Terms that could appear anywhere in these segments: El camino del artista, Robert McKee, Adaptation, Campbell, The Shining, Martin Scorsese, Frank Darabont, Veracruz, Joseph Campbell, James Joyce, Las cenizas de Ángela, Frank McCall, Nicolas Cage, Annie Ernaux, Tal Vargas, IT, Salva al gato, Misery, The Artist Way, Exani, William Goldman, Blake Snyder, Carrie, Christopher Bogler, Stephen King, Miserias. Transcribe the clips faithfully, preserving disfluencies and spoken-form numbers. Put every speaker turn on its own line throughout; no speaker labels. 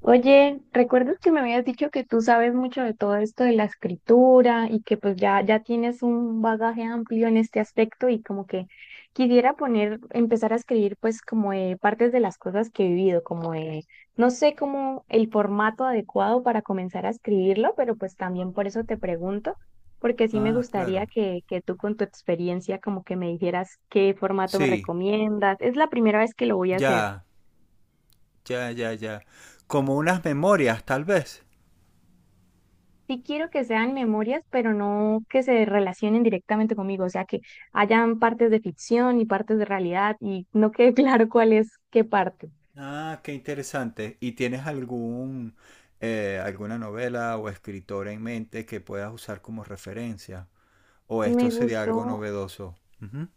Oye, ¿recuerdas que me habías dicho que tú sabes mucho de todo esto de la escritura y que pues ya, ya tienes un bagaje amplio en este aspecto y como que quisiera poner, empezar a escribir pues como de partes de las cosas que he vivido, como de, no sé cómo el formato adecuado para comenzar a escribirlo, pero pues también por eso te pregunto, porque sí me
Ah,
gustaría
claro.
que, que tú con tu experiencia como que me dijeras qué formato me
Sí,
recomiendas. Es la primera vez que lo voy a hacer.
ya, ya, ya, ya. Como unas memorias, tal vez.
Sí quiero que sean memorias, pero no que se relacionen directamente conmigo, o sea, que hayan partes de ficción y partes de realidad y no quede claro cuál es qué parte.
Ah, qué interesante. ¿Y tienes algún, eh, alguna novela o escritora en mente que puedas usar como referencia? ¿O
Me
esto sería algo
gustó,
novedoso? Ujú,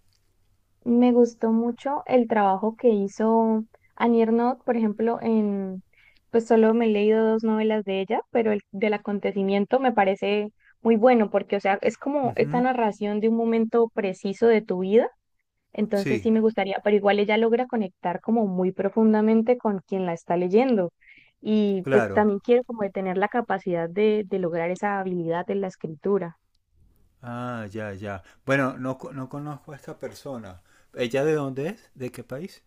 me gustó mucho el trabajo que hizo Annie Ernaux, por ejemplo, en, pues solo me he leído dos novelas de ella, pero el del acontecimiento me parece muy bueno porque, o sea, es como esta
ujú.
narración de un momento preciso de tu vida. Entonces sí
Sí,
me gustaría, pero igual ella logra conectar como muy profundamente con quien la está leyendo. Y pues
claro.
también quiero como de tener la capacidad de, de lograr esa habilidad de la escritura.
Ah, ya, ya. Bueno, no, co- no conozco a esta persona. ¿Ella de dónde es? ¿De qué país?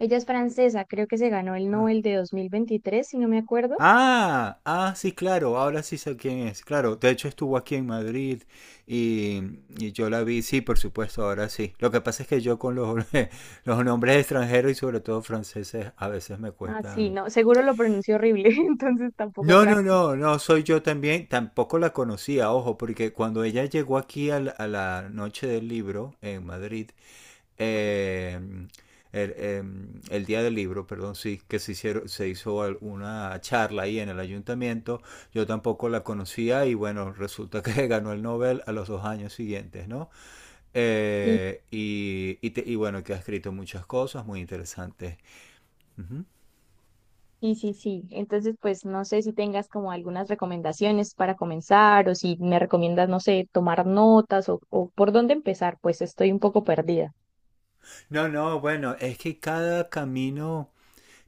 Ella es francesa, creo que se ganó el
Ah.
Nobel de dos mil veintitrés si no me acuerdo.
Ah, ah, sí, claro, ahora sí sé quién es. Claro, de hecho estuvo aquí en Madrid y, y yo la vi, sí, por supuesto, ahora sí. Lo que pasa es que yo con los, los nombres extranjeros y sobre todo franceses a veces me
Ah, sí,
cuestan.
no, seguro lo pronunció horrible, entonces tampoco
No, no,
tranqui.
no, no, soy yo también. Tampoco la conocía, ojo, porque cuando ella llegó aquí a la, a la noche del libro en Madrid, eh, el, eh, el día del libro, perdón, sí, que se, hicieron, se hizo una charla ahí en el ayuntamiento. Yo tampoco la conocía y bueno, resulta que ganó el Nobel a los dos años siguientes, ¿no?
Sí,
Eh, y, y te- y bueno, que ha escrito muchas cosas muy interesantes. Ujú.
sí, sí, sí. Entonces, pues no sé si tengas como algunas recomendaciones para comenzar o si me recomiendas, no sé, tomar notas o, o por dónde empezar, pues estoy un poco perdida.
No, no, bueno, es que cada camino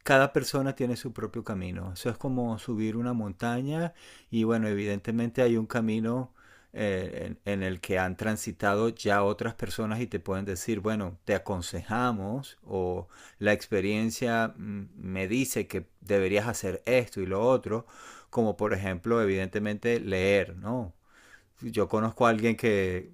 cada persona tiene su propio camino. Eso es como subir una montaña y bueno, evidentemente hay un camino eh, en, en el que han transitado ya otras personas y te pueden decir, bueno, te aconsejamos o la experiencia mm, me dice que deberías hacer esto y lo otro, como por ejemplo, evidentemente leer, ¿no? Yo conozco a alguien que,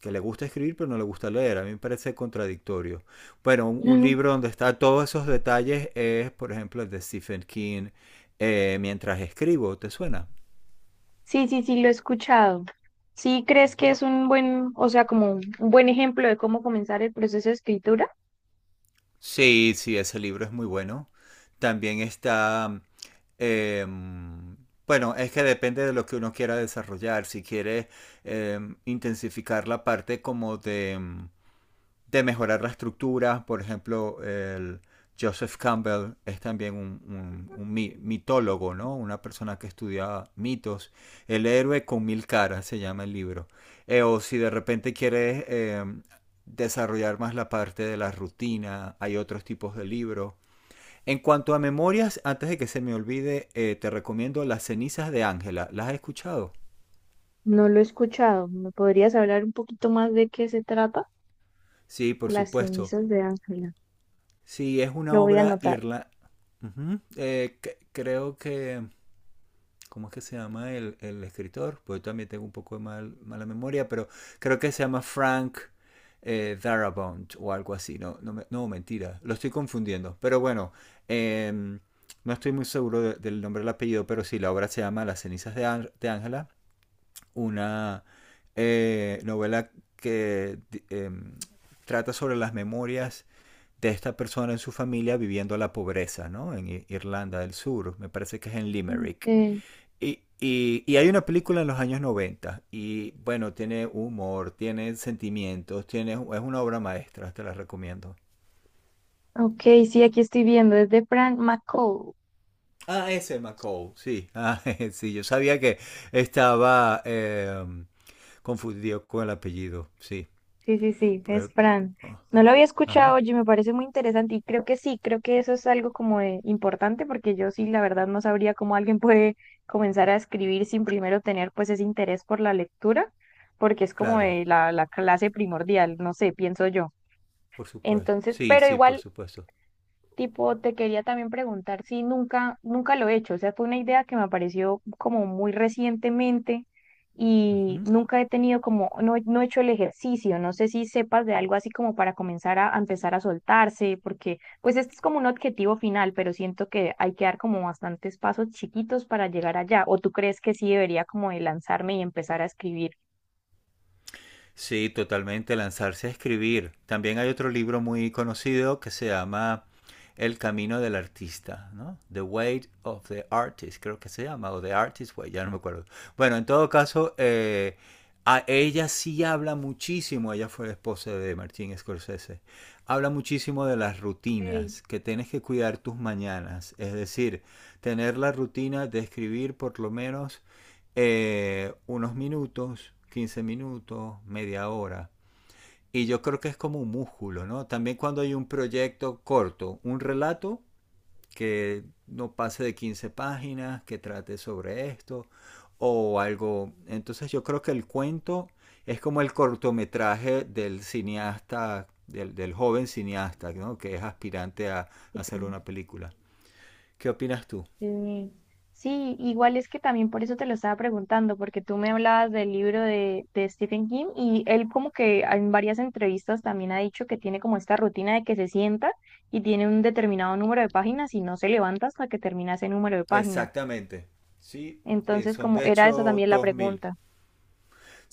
que le gusta escribir pero no le gusta leer. A mí me parece contradictorio. Bueno, un, un libro donde está todos esos detalles es, por ejemplo, el de Stephen King, eh, Mientras escribo, ¿te suena?
Sí, sí, sí, lo he escuchado. ¿Sí crees que
Ujú.
es un buen, o sea, como un buen ejemplo de cómo comenzar el proceso de escritura?
Sí, sí, ese libro es muy bueno. También está, em, bueno, es que depende de lo que uno quiera desarrollar. Si quiere em, intensificar la parte como de, em, de mejorar la estructura. Por ejemplo, el Joseph Campbell es también un, un- un mitólogo, ¿no? Una persona que estudia mitos. El héroe con mil caras se llama el libro. Eh, o si de repente quieres eh, desarrollar más la parte de la rutina, hay otros tipos de libros. En cuanto a memorias, antes de que se me olvide, eh, te recomiendo Las cenizas de Ángela. ¿Las has escuchado?
No lo he escuchado. ¿Me podrías hablar un poquito más de qué se trata?
Sí, por
Las
supuesto.
cenizas de Ángela.
Sí, es una
Lo voy a
obra
anotar.
irla. Ujú. Eh, c- creo que, ¿cómo es que se llama el, el escritor? Pues también tengo un poco de mal- mala memoria, pero creo que se llama Frank eh, Darabont o algo así. No, no, me- no, mentira, lo estoy confundiendo. Pero bueno, em, no estoy muy seguro de- del nombre del apellido, pero sí, la obra se llama Las cenizas de Ángela una eh, novela que eh, trata sobre las memorias de esta persona en su familia viviendo la pobreza, ¿no? En Irlanda del Sur, me parece que es en
Mm.
Limerick.
Eh,
Y, y- y hay una película en los años noventa y bueno, tiene humor, tiene sentimientos, tiene, es una obra maestra, te la recomiendo.
ok, sí, aquí estoy viendo. Es de Frank McCall.
Ah, ese McCall, sí. Ah, sí, yo sabía que estaba eh, confundido con el apellido, sí.
Sí, sí, sí, es
Eh, p-
Fran.
oh,
No lo había escuchado,
ajá.
oye, me parece muy interesante y creo que sí, creo que eso es algo como de importante porque yo sí, la verdad, no sabría cómo alguien puede comenzar a escribir sin primero tener pues ese interés por la lectura, porque es como
Claro,
de la, la clase primordial, no sé, pienso yo.
por supuesto.
Entonces,
Sí,
pero
sí, por
igual
supuesto.
tipo, te quería también preguntar si nunca, nunca lo he hecho. O sea, fue una idea que me apareció como muy recientemente y
Ujú.
nunca he tenido como, no, he- no he hecho el ejercicio. No sé si sepas de algo así como para comenzar a, a empezar a soltarse, porque pues este es como un objetivo final, pero siento que hay que dar como bastantes pasos chiquitos para llegar allá. ¿O tú crees que sí debería como de lanzarme y empezar a escribir?
Sí, totalmente, lanzarse a escribir. También hay otro libro muy conocido que se llama El camino del artista, ¿no? The Way of the Artist, creo que se llama, o The Artist Way, ya no me acuerdo. Bueno, en todo caso, eh, a ella sí habla muchísimo, ella fue la esposa de Martin Scorsese, habla muchísimo de las
Sí.
rutinas, que tienes que cuidar tus mañanas, es decir, tener la rutina de escribir por lo menos eh, unos minutos, quince minutos, media hora. Y yo creo que es como un músculo, ¿no? También cuando hay un proyecto corto, un relato que no pase de quince páginas, que trate sobre esto o algo. Entonces yo creo que el cuento es como el cortometraje del cineasta, del, del joven cineasta, ¿no? Que es aspirante a,
Sí.
a hacer una película. ¿Qué opinas tú?
Sí, sí, igual es que también por eso te lo estaba preguntando, porque tú me hablabas del libro de, de Stephen King y él como que en varias entrevistas también ha dicho que tiene como esta rutina de que se sienta y tiene un determinado número de páginas y no se levanta hasta que termina ese número de páginas.
Exactamente. Sí, sí,
Entonces,
son
como
de
era esa
hecho
también la
dos mil.
pregunta.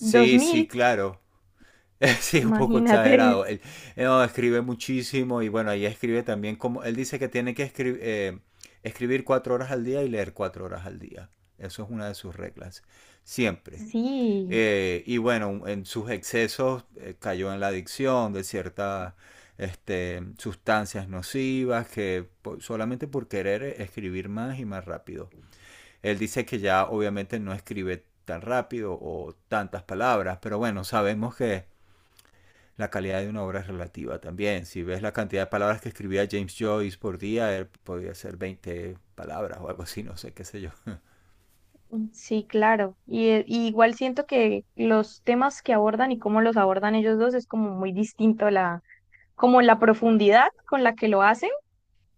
Dos
sí,
mil,
claro. Sí, un poco
imagínate.
exagerado. Él, él no, escribe muchísimo y bueno, ahí escribe también como, él dice que tiene que escri- eh, escribir cuatro horas al día y leer cuatro horas al día. Eso es una de sus reglas, siempre.
Sí,
Eh, y bueno, en sus excesos eh, cayó en la adicción de ciertas este, sustancias nocivas que po- solamente por querer escribir más y más rápido. Él dice que ya obviamente no escribe tan rápido o tantas palabras, pero bueno, sabemos que la calidad de una obra es relativa también. Si ves la cantidad de palabras que escribía James Joyce por día, él podía hacer veinte palabras o algo así, no sé, qué sé yo.
sí, claro. Y, eh, y igual siento que los temas que abordan y cómo los abordan ellos dos es como muy distinto como la profundidad con la que lo hacen.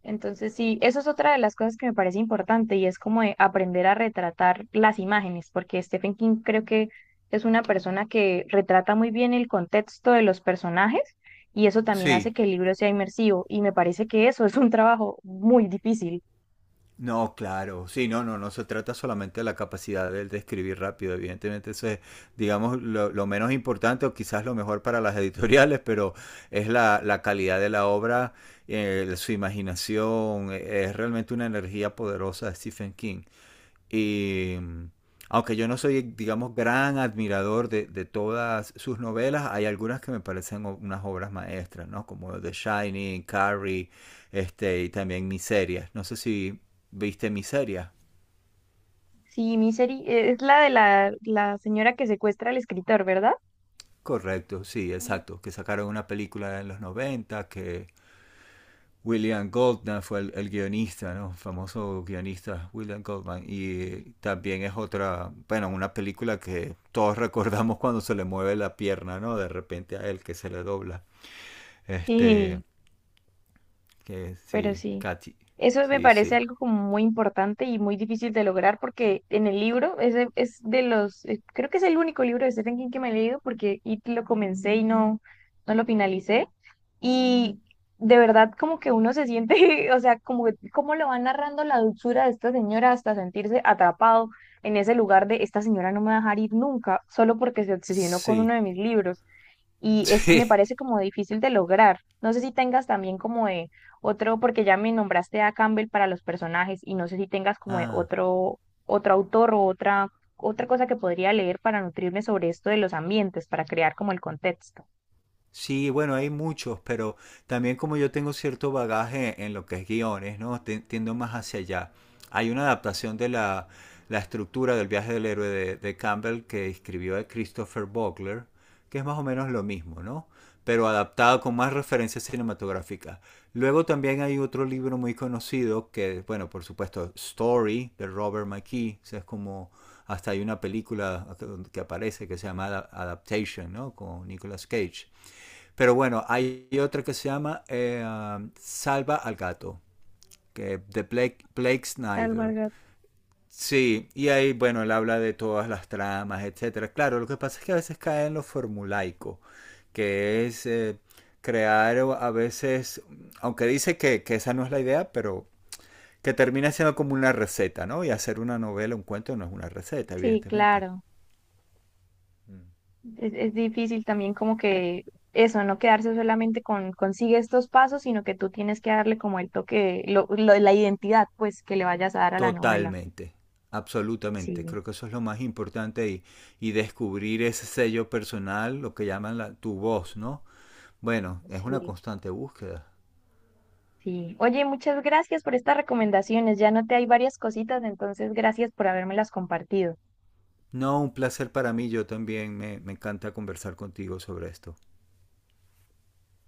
Entonces, sí, eso es otra de las cosas que me parece importante y es como de aprender a retratar las imágenes, porque Stephen King creo que es una persona que retrata muy bien el contexto de los personajes y eso también hace
Sí,
que el libro sea inmersivo y me parece que eso es un trabajo muy difícil.
no, claro, sí, no, no, no se trata solamente de la capacidad de, de escribir rápido, evidentemente eso es, digamos, lo, lo menos importante o quizás lo mejor para las editoriales, pero es la, la calidad de la obra, eh, su imaginación, eh, es realmente una energía poderosa de Stephen King. Y aunque yo no soy, digamos, gran admirador de, de todas sus novelas, hay algunas que me parecen o- unas obras maestras, ¿no? Como The Shining, Carrie, este, y también Miserias. No sé si viste Miserias.
Sí, Misery eh, es la de la, la señora que secuestra al escritor, ¿verdad?
Correcto, sí, exacto. Que sacaron una película en los noventa que William Goldman fue el, el guionista, ¿no? Famoso guionista William Goldman. Y también es otra, bueno, una película que todos recordamos cuando se le mueve la pierna, ¿no? De repente a él que se le dobla. Este,
Sí.
que
Pero
sí,
sí,
Katy.
eso me
Sí,
parece
sí.
algo como muy importante y muy difícil de lograr porque en el libro, ese es de los, eh, creo que es el único libro de Stephen King que me he leído porque IT lo comencé y no, no lo finalicé. Y de verdad como que uno se siente, o sea, como que- cómo lo va narrando la dulzura de esta señora hasta sentirse atrapado en ese lugar de esta señora no me va a dejar ir nunca, solo porque se obsesionó con uno
Sí,
de mis libros y es, me
sí.
parece como difícil de lograr. No sé si tengas también como de otro, porque ya me nombraste a Campbell para los personajes y no sé si tengas como de
Ah.
otro, otro autor o otra, otra cosa que podría leer para nutrirme sobre esto de los ambientes, para crear como el contexto.
Sí, bueno, hay muchos, pero también como yo tengo cierto bagaje en lo que es guiones, ¿no? Te- Tiendo más hacia allá. Hay una adaptación de la, la estructura del viaje del héroe de, de Campbell que escribió de Christopher Bogler, que es más o menos lo mismo, ¿no? Pero adaptado con más referencias cinematográficas. Luego también hay otro libro muy conocido que, bueno, por supuesto, Story, de Robert McKee, o sea, es como... Hasta hay una película que que aparece que se llama Ada- Adaptation, ¿no? Con Nicolas Cage pero bueno, hay otra que se llama eh, um, Salva al gato, que de Blake, Blake
Tal
Snyder.
Vargas.
Sí, y ahí, bueno, él habla de todas las tramas, etcétera. Claro, lo que pasa es que a veces cae en lo formulaico, que es eh, crear a veces, aunque dice que, que esa no es la idea, pero que termina siendo como una receta, ¿no? Y hacer una novela, un cuento no es una receta,
Sí,
evidentemente.
claro.
Mm.
Es, es difícil también como que eso, no quedarse solamente con consigue estos pasos, sino que tú tienes que darle como el toque, lo, lo- la identidad pues que le vayas a dar a la novela.
Totalmente, absolutamente.
Sí,
Creo que eso es lo más importante y, y descubrir ese sello personal, lo que llaman la- tu voz, ¿no? Bueno, es una
sí,
constante búsqueda.
sí. Oye, muchas gracias por estas recomendaciones. Ya noté hay varias cositas, entonces gracias por habérmelas compartido.
No, un placer para mí. Yo también me, me encanta conversar contigo sobre esto.